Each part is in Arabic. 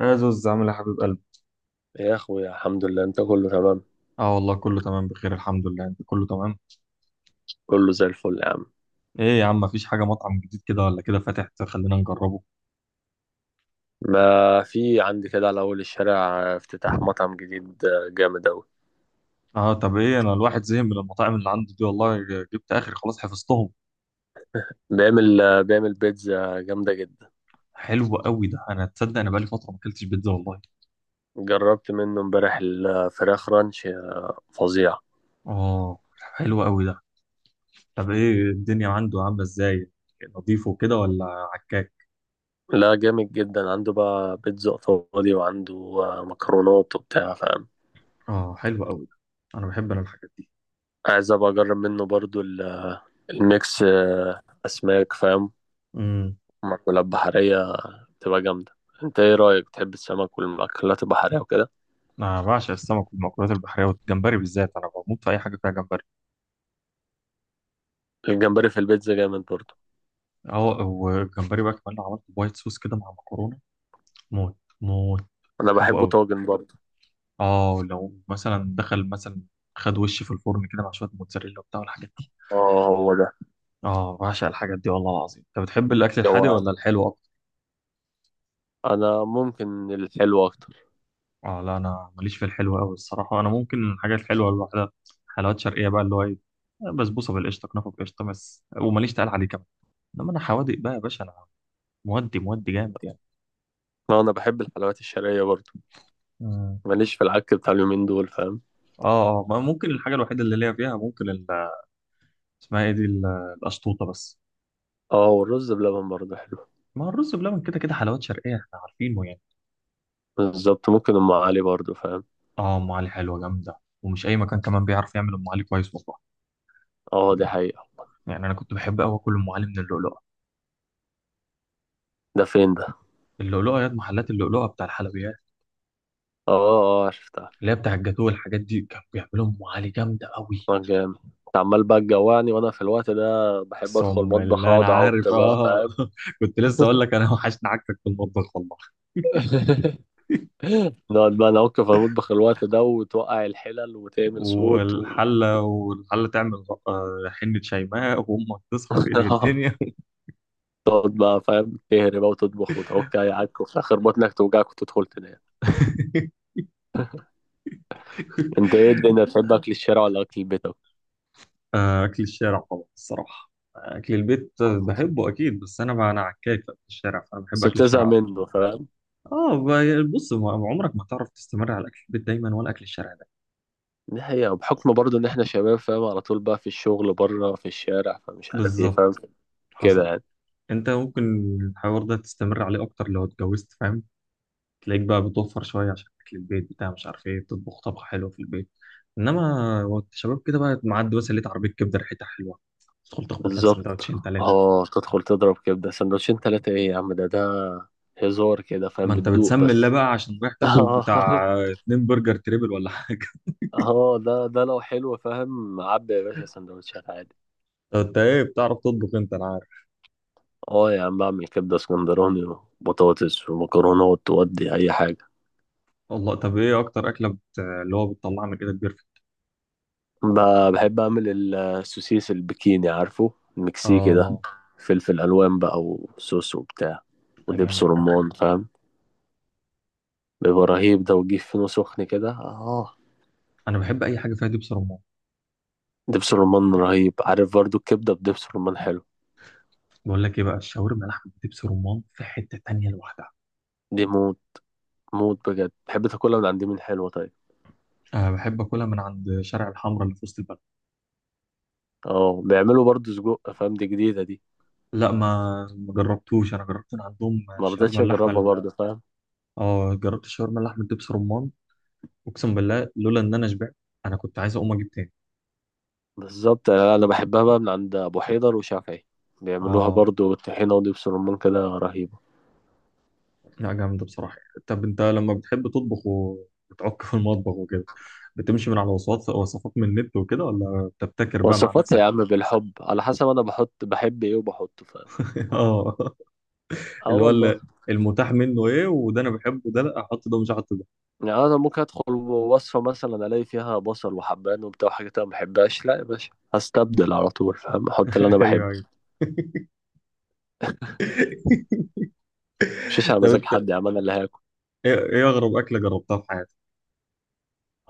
يا زوز، عامل إيه يا حبيب قلبي؟ يا اخويا الحمد لله، انت كله تمام. اه، والله كله تمام بخير الحمد لله. انت كله تمام؟ كله زي الفل يا عم. ايه يا عم، مفيش حاجه مطعم جديد كده ولا كده فاتح؟ خلينا نجربه. ما في عندي كده على اول الشارع افتتاح مطعم جديد جامد اوي. اه، طب ايه، انا الواحد زهق من المطاعم اللي عنده دي والله، جبت اخر خلاص حفظتهم. بيعمل بيتزا جامدة جدا. حلو قوي ده. انا تصدق انا بقالي فتره ما اكلتش بيتزا والله. جربت منه امبارح الفراخ رانش، فظيع. اه، حلو قوي ده. طب ايه الدنيا عنده عامله ازاي؟ نظيف وكده ولا عكاك؟ لا، جامد جدا. عنده بقى بيتزا ايطالي، وعنده مكرونات وبتاع، فاهم. اه، حلو قوي ده. انا بحب الحاجات دي. عايز ابقى اجرب منه برضو الميكس، اسماك فاهم، امم. مأكولات بحرية، تبقى جامدة. انت ايه رأيك، بتحب السمك والمأكولات البحرية وكده؟ انا بعشق السمك والمأكولات البحريه والجمبري بالذات، انا بموت في اي حاجه فيها جمبري. الجمبري في البيتزا جامد برضه. اه، والجمبري بقى كمان لو عملت وايت صوص كده مع مكرونه، موت موت. انا بحبه بحبه قوي. طاجن برضه. اه، لو مثلا دخل مثلا، خد وشي في الفرن كده مع شويه موتزاريلا وبتاع والحاجات دي. اه، هو ده. اه، بعشق الحاجات دي والله العظيم. انت بتحب الاكل الحادق جوعان، ولا الحلو اكتر؟ انا ممكن الحلو اكتر. اه، لا، انا ماليش في الحلو قوي الصراحه. انا ممكن الحاجات الحلوه، الواحده حلويات شرقيه بقى اللي هو ايه، بسبوسه بالقشطه، كنافه بالقشطه بس. وماليش تقال عليه كمان. انما انا حوادق بقى يا باشا، انا مودي مودي جامد يعني. اه انا بحب الحلويات الشرقيه برضه. مم. ماليش في العك بتاع اليومين دول، فاهم. اه، اه، ما ممكن الحاجه الوحيده اللي ليا فيها، ممكن اسمها ايه دي، القشطوطه بس. اه والرز بلبن برضه حلو. ما هو الرز بلبن كده كده حلوات شرقيه، احنا عارفينه يعني. بالظبط، ممكن ام علي برضه فاهم. اه، ام علي حلوه جامده، ومش اي مكان كمان بيعرف يعمل ام علي كويس والله. اه دي حقيقه. يعني انا كنت بحب قوي اكل ام علي من اللؤلؤه. ده فين ده؟ اللؤلؤه، يا محلات اللؤلؤه بتاع الحلويات. اه اه شفتها. اللي هي بتاع الجاتوه والحاجات دي، كانوا بيعملوا ام علي جامده قوي. اه جامد. انت عمال بقى تجوعني وانا في الوقت ده بحب ادخل اقسم المطبخ بالله انا اقعد اعك عارف، بقى، اه فاهم. كنت لسه اقول لك انا وحشني عكك في المطبخ والله. نقعد بقى نعك في المطبخ الوقت ده، وتوقع الحلل وتعمل صوت. والحله تعمل آه، حنه شيماء وامك تصحى تقلب الدنيا. تقعد بقى فاهم تهري بقى وتطبخ وتعك عك، وفي الاخر بطنك توجعك وتدخل تنام. انت ايه الدنيا، بتحب اكل الشارع ولا اكل البيت أكتر؟ آه، أكل الشارع طبعا الصراحة. آه، أكل البيت بحبه أكيد، بس أنا بقى أنا عكاك في أكل الشارع، فأنا بحب بس أكل بتزهق الشارع أكتر. منه فاهم. آه، بص عمرك ما تعرف تستمر على أكل البيت دايما ولا أكل الشارع ده. دي حقيقة، بحكم برضه ان احنا شباب فاهم، على طول بقى في الشغل بره في الشارع، فمش عارف ايه فاهم. بالظبط، كده حصل. يعني. أنت ممكن الحوار ده تستمر عليه أكتر لو اتجوزت، فاهم. تلاقيك بقى بتوفر شوية عشان أكل البيت، بتاع مش عارف إيه، تطبخ طبخة حلوة في البيت. إنما وقت الشباب كده بقى، معدي مثلا لقيت عربية كبدة ريحتها حلوة، تدخل تخبط لك بالظبط. سندوتشين تلاتة. اه تدخل تضرب كبدة سندوتشين تلاتة. ايه يا عم، ده هزار كده فاهم، ما انت بتدوق بتسمي الله بس. بقى عشان رايح تاكل اه بتاع اتنين برجر تريبل ولا حاجه. اه ده لو حلو فاهم، عبي يا باشا سندوتشات عادي. طب انت، ايه بتعرف تطبخ انت؟ انا عارف. اه يا عم، بعمل كبدة اسكندراني وبطاطس ومكرونات وأدي أي حاجة. والله، طب ايه اكتر اكله اللي هو بتطلع من ايدك بيرفكت. بحب أعمل السوسيس البكيني، عارفه، المكسيكي ده. اه، فلفل ألوان بقى وصوص وبتاع ده ودبس جامد ده. رمان، فاهم. بيبقى رهيب ده، وتجيب فينو سخن كده اه. انا بحب اي حاجه فيها دبس رمان. دبس رمان رهيب. عارف برضو، الكبدة بدبس رمان حلو. بقول لك ايه بقى، الشاورما لحمه دبس رمان في حته تانية لوحدها. دي موت. موت بجد. بحب تاكلها من عند مين، حلوة طيب؟ أه، بحب اكلها من عند شارع الحمراء اللي في وسط البلد. اه بيعملوا برضو سجق، فاهم، دي جديدة دي. لا، ما جربتوش، انا جربت من عندهم شاورما مرضتش اللحمه أجربها برضو فاهم. اه، جربت الشاورما اللحمه دبس رمان. اقسم بالله لولا ان انا شبعت، انا كنت عايز اقوم اجيب تاني. بالظبط، أنا بحبها بقى من عند ابو حيدر وشافعي. بيعملوها اه، برضو طحينة ودبس رمان كده، رهيبة. لا، جامدة بصراحة. طب انت لما بتحب تطبخ وبتعك في المطبخ وكده، بتمشي من على وصفات وصفات من النت وكده، ولا بتبتكر بقى مع وصفات يا نفسك؟ عم بالحب، على حسب انا بحط، بحب ايه وبحطه فاهم. اه. اه اللي هو والله. المتاح منه ايه، وده انا بحبه ده لا احط ده مش هحط ده. يعني انا ممكن ادخل وصفة مثلا الاقي فيها بصل وحبان وبتاع وحاجات انا ما بحبهاش، لا يا باشا هستبدل على طول فاهم، احط اللي انا ايوه، بحبه. ايوه. مش على طب مزاج انت، حد يا عم، انا اللي هاكل. ايه اغرب اكلة جربتها في حياتك؟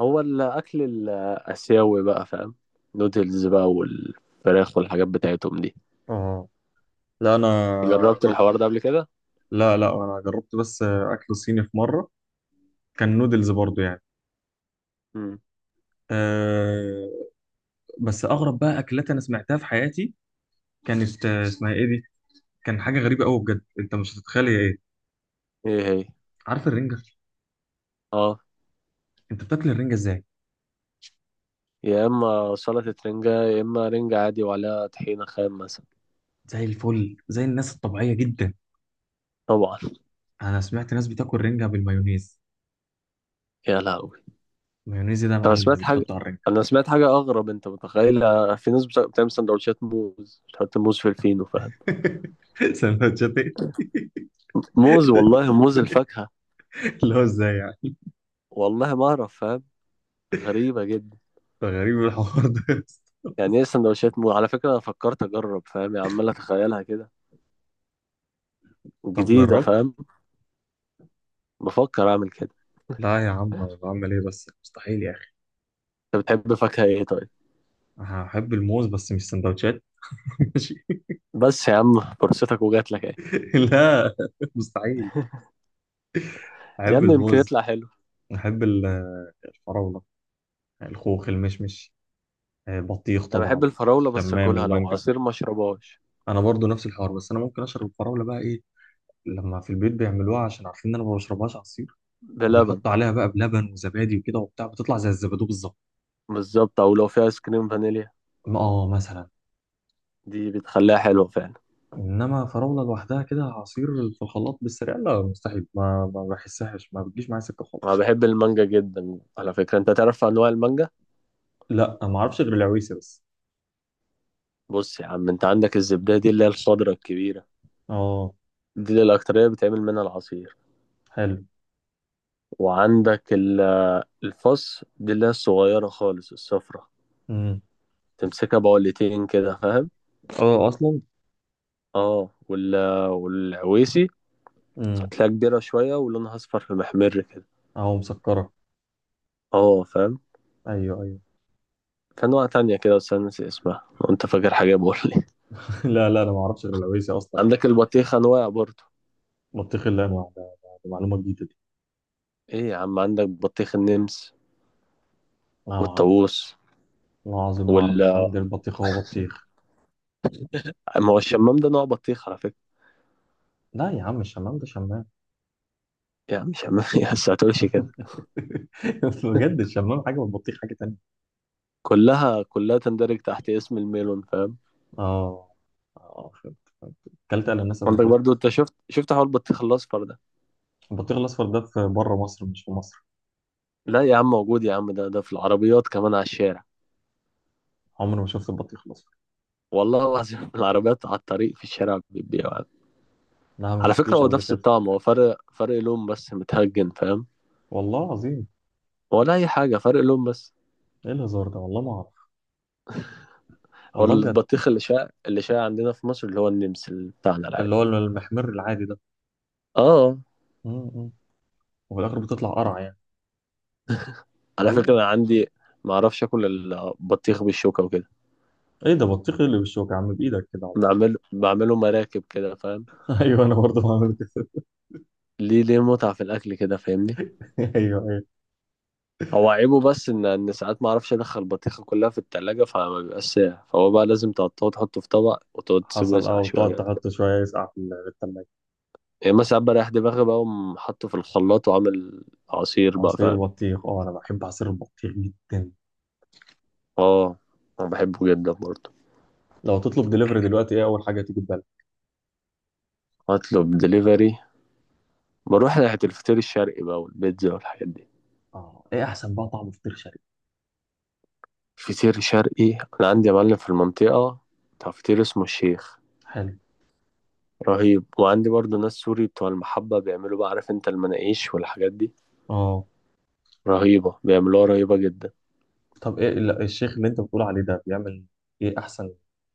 هو الاكل الاسيوي بقى فاهم، نودلز بقى والفراخ والحاجات بتاعتهم دي. اه، لا، انا جربت اغرب. الحوار ده قبل كده؟ لا، لا، انا جربت بس اكل صيني في مرة. كان نودلز برضو يعني. مم. أه، بس اغرب بقى اكلات انا سمعتها في حياتي، كانت اسمها ايه دي، كان حاجه غريبه قوي بجد، انت مش هتتخيل هي ايه. ايه هي؟ عارف الرنجه؟ اه انت بتاكل الرنجه ازاي؟ يا اما سلطة رنجة، يا اما رنجة عادي وعليها طحينة خام مثلا. زي الفل، زي الناس الطبيعيه جدا. طبعا. انا سمعت ناس بتاكل رنجه بالمايونيز. يا لهوي. المايونيز ده يا انا معلم اللي سمعت حاجة. بتحطه على الرنجه؟ انا سمعت حاجة اغرب، انت متخيل. في ناس بتعمل سندوتشات موز، بتحط موز في الفينو فاهم. سندوتشات ايه؟ موز والله، موز الفاكهة. اللي هو ازاي يعني؟ والله ما اعرف فاهم. غريبة جدا. ده غريب الحوار ده. يعني ايه سندوتشات موز؟ على فكرة انا فكرت اجرب فاهم، يعني عمال اتخيلها كده، طب جديدة جربت؟ فاهم. بفكر اعمل كده. لا يا عم، أنا بعمل ايه بس، مستحيل يا اخي. انت بتحب فاكهة ايه طيب؟ هحب الموز بس مش سندوتشات. ماشي. بس يا عم فرصتك وجات لك اهي. لا، مستحيل. يا احب عم يمكن الموز. يطلع حلو. احب الفراوله، الخوخ، المشمش، آه، بطيخ انا بحب طبعا، الفراولة بس الشمام، اكلها لو المانجا. عصير، ما اشربهاش. انا برضو نفس الحوار، بس انا ممكن اشرب الفراوله بقى ايه، لما في البيت بيعملوها عشان عارفين ان انا ما بشربهاش عصير. بلبن. فبيحطوا عليها بقى بلبن وزبادي وكده وبتاع، بتطلع زي الزبادو بالظبط. بالظبط، او لو في ايس كريم فانيليا، اه، مثلا. دي بتخليها حلوة فعلا. انما فراوله لوحدها كده عصير، في الخلاط بالسريع، لا مستحيل، ما بحسهاش، ما بتجيش معايا سكه انا خالص. بحب المانجا جدا، على فكرة انت تعرف انواع المانجا؟ لا، ما اعرفش غير العويسه بس. بص يا عم، انت عندك الزبدة دي اللي هي الخضرة الكبيرة، اه، دي اللي الاكترية بتعمل منها العصير. حلو. وعندك الفص دي اللي هي الصغيرة خالص الصفرة، امم. تمسكها بقولتين كده، فاهم. اه، اصلا. اه وال... والعويسي امم. هتلاقيها كبيرة شوية، ولونها اصفر في محمر كده. اهو مسكره. اه فاهم. ايوه، ايوه. في أنواع تانية كده بس أنا ناسي اسمها، لو أنت فاكر حاجة بقول لي. لا، لا، انا ما اعرفش غير العويسه اصلا. عندك البطيخ أنواع برضو. بطيخ اللي انواع ده؟ ده معلومه جديده. إيه يا عم، عندك بطيخ النمس لا، ما اعرفش. والطاووس والله العظيم ما وال. اعرف، انا عندي البطيخ هو بطيخ. ما هو الشمام ده نوع بطيخ على فكرة. لا يا عم، الشمام ده شمام. يعني شمام يا بس هتقولش كده. بجد، الشمام حاجه والبطيخ حاجه تانية. كلها كلها تندرج تحت اسم الميلون، فاهم. اه، اه، فهمت، فهمت. اكلت الاناس قبل عندك كده؟ برضو، أنت شفت حوار البطيخ الأصفر ده؟ البطيخ الاصفر ده في بره مصر، مش في مصر؟ لا يا عم موجود، يا عم ده ده في العربيات كمان على الشارع. عمري ما شفت البطيخ الاصفر. والله العظيم العربيات على الطريق في الشارع بتبيعه يعني. لا، ما على فكرة شفتوش هو قبل نفس كده. الطعم، هو فرق لون بس، متهجن فاهم، والله العظيم. ولا أي حاجة، فرق لون بس. ايه الهزار ده؟ والله ما اعرف. هو والله بجد. البطيخ اللي شاع عندنا في مصر، اللي هو النمسل بتاعنا اللي هو العادي. المحمر العادي ده؟ اه م- م. وفي الاخر بتطلع قرع يعني. على فكرة والله. أنا عندي، ما اعرفش اكل البطيخ بالشوكة وكده. ايه ده، بطيخ إيه اللي بالشوكه يا عم، بايدك كده على طول. بعمله مراكب كده فاهم. ايوه، انا برضه بعمل كده. ليه متعة في الاكل كده، فاهمني. ايوه. هو عيبه بس ان ساعات ما اعرفش ادخل البطيخة كلها في التلاجة، فما بيبقاش ساقع، فهو بقى لازم تقطعه تحطه في طبق وتقعد تسيبه حصل، اه، يسقع وتقعد شوية. تحط شوية يسقع في في التلاجة. يعني مثلا ساعات بريح دماغي بقى، وأقوم حاطه في الخلاط وعامل عصير بقى، عصير فاهم. بطيخ، اه، أنا بحب عصير البطيخ جدا. اه انا بحبه جدا برضه. لو تطلب دليفري دلوقتي إيه أول حاجة تيجي في بالك؟ اطلب دليفري، بروح ناحية الفطير الشرقي بقى والبيتزا والحاجات دي. اه، إيه أحسن بقى طعم فطير شرقي؟ فطير شرقي. أنا عندي يا معلم في المنطقة بتاع فطير اسمه الشيخ، حلو. رهيب. وعندي برضو ناس سوري بتوع المحبة، بيعملوا بقى، عارف انت المناقيش والحاجات دي، اه، رهيبة، بيعملوها رهيبة جدا. طب إيه الشيخ اللي أنت بتقول عليه ده بيعمل إيه أحسن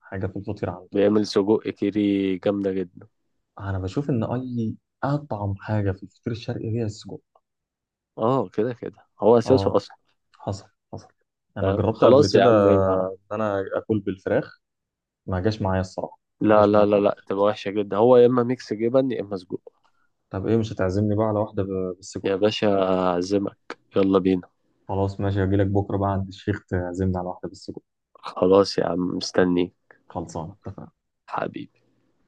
حاجة في الفطير عنده يعني؟ بيعمل سجق كيري جامدة جدا. أنا بشوف إن أي أطعم حاجة في الفطير الشرقي هي السجق. اه كده كده، هو اه، أساسه أصلا. حصل، حصل، أنا فاهم جربت قبل خلاص يا كده عم، يبقى إن أنا آكل بالفراخ، ما جاش معايا الصراحة. ما لا جاش معايا لا لا لا، خالص. تبقى وحشة جدا. هو يا إما ميكس جبن يا إما سجق. طب إيه، مش هتعزمني بقى على واحدة بالسجق؟ يا باشا أعزمك، يلا بينا. خلاص، ماشي، هجيلك بكرة بقى عند الشيخ، تعزمنا على واحدة بس. خلاص يا عم مستنيك. خلصانة، اتفقنا. حبيبي.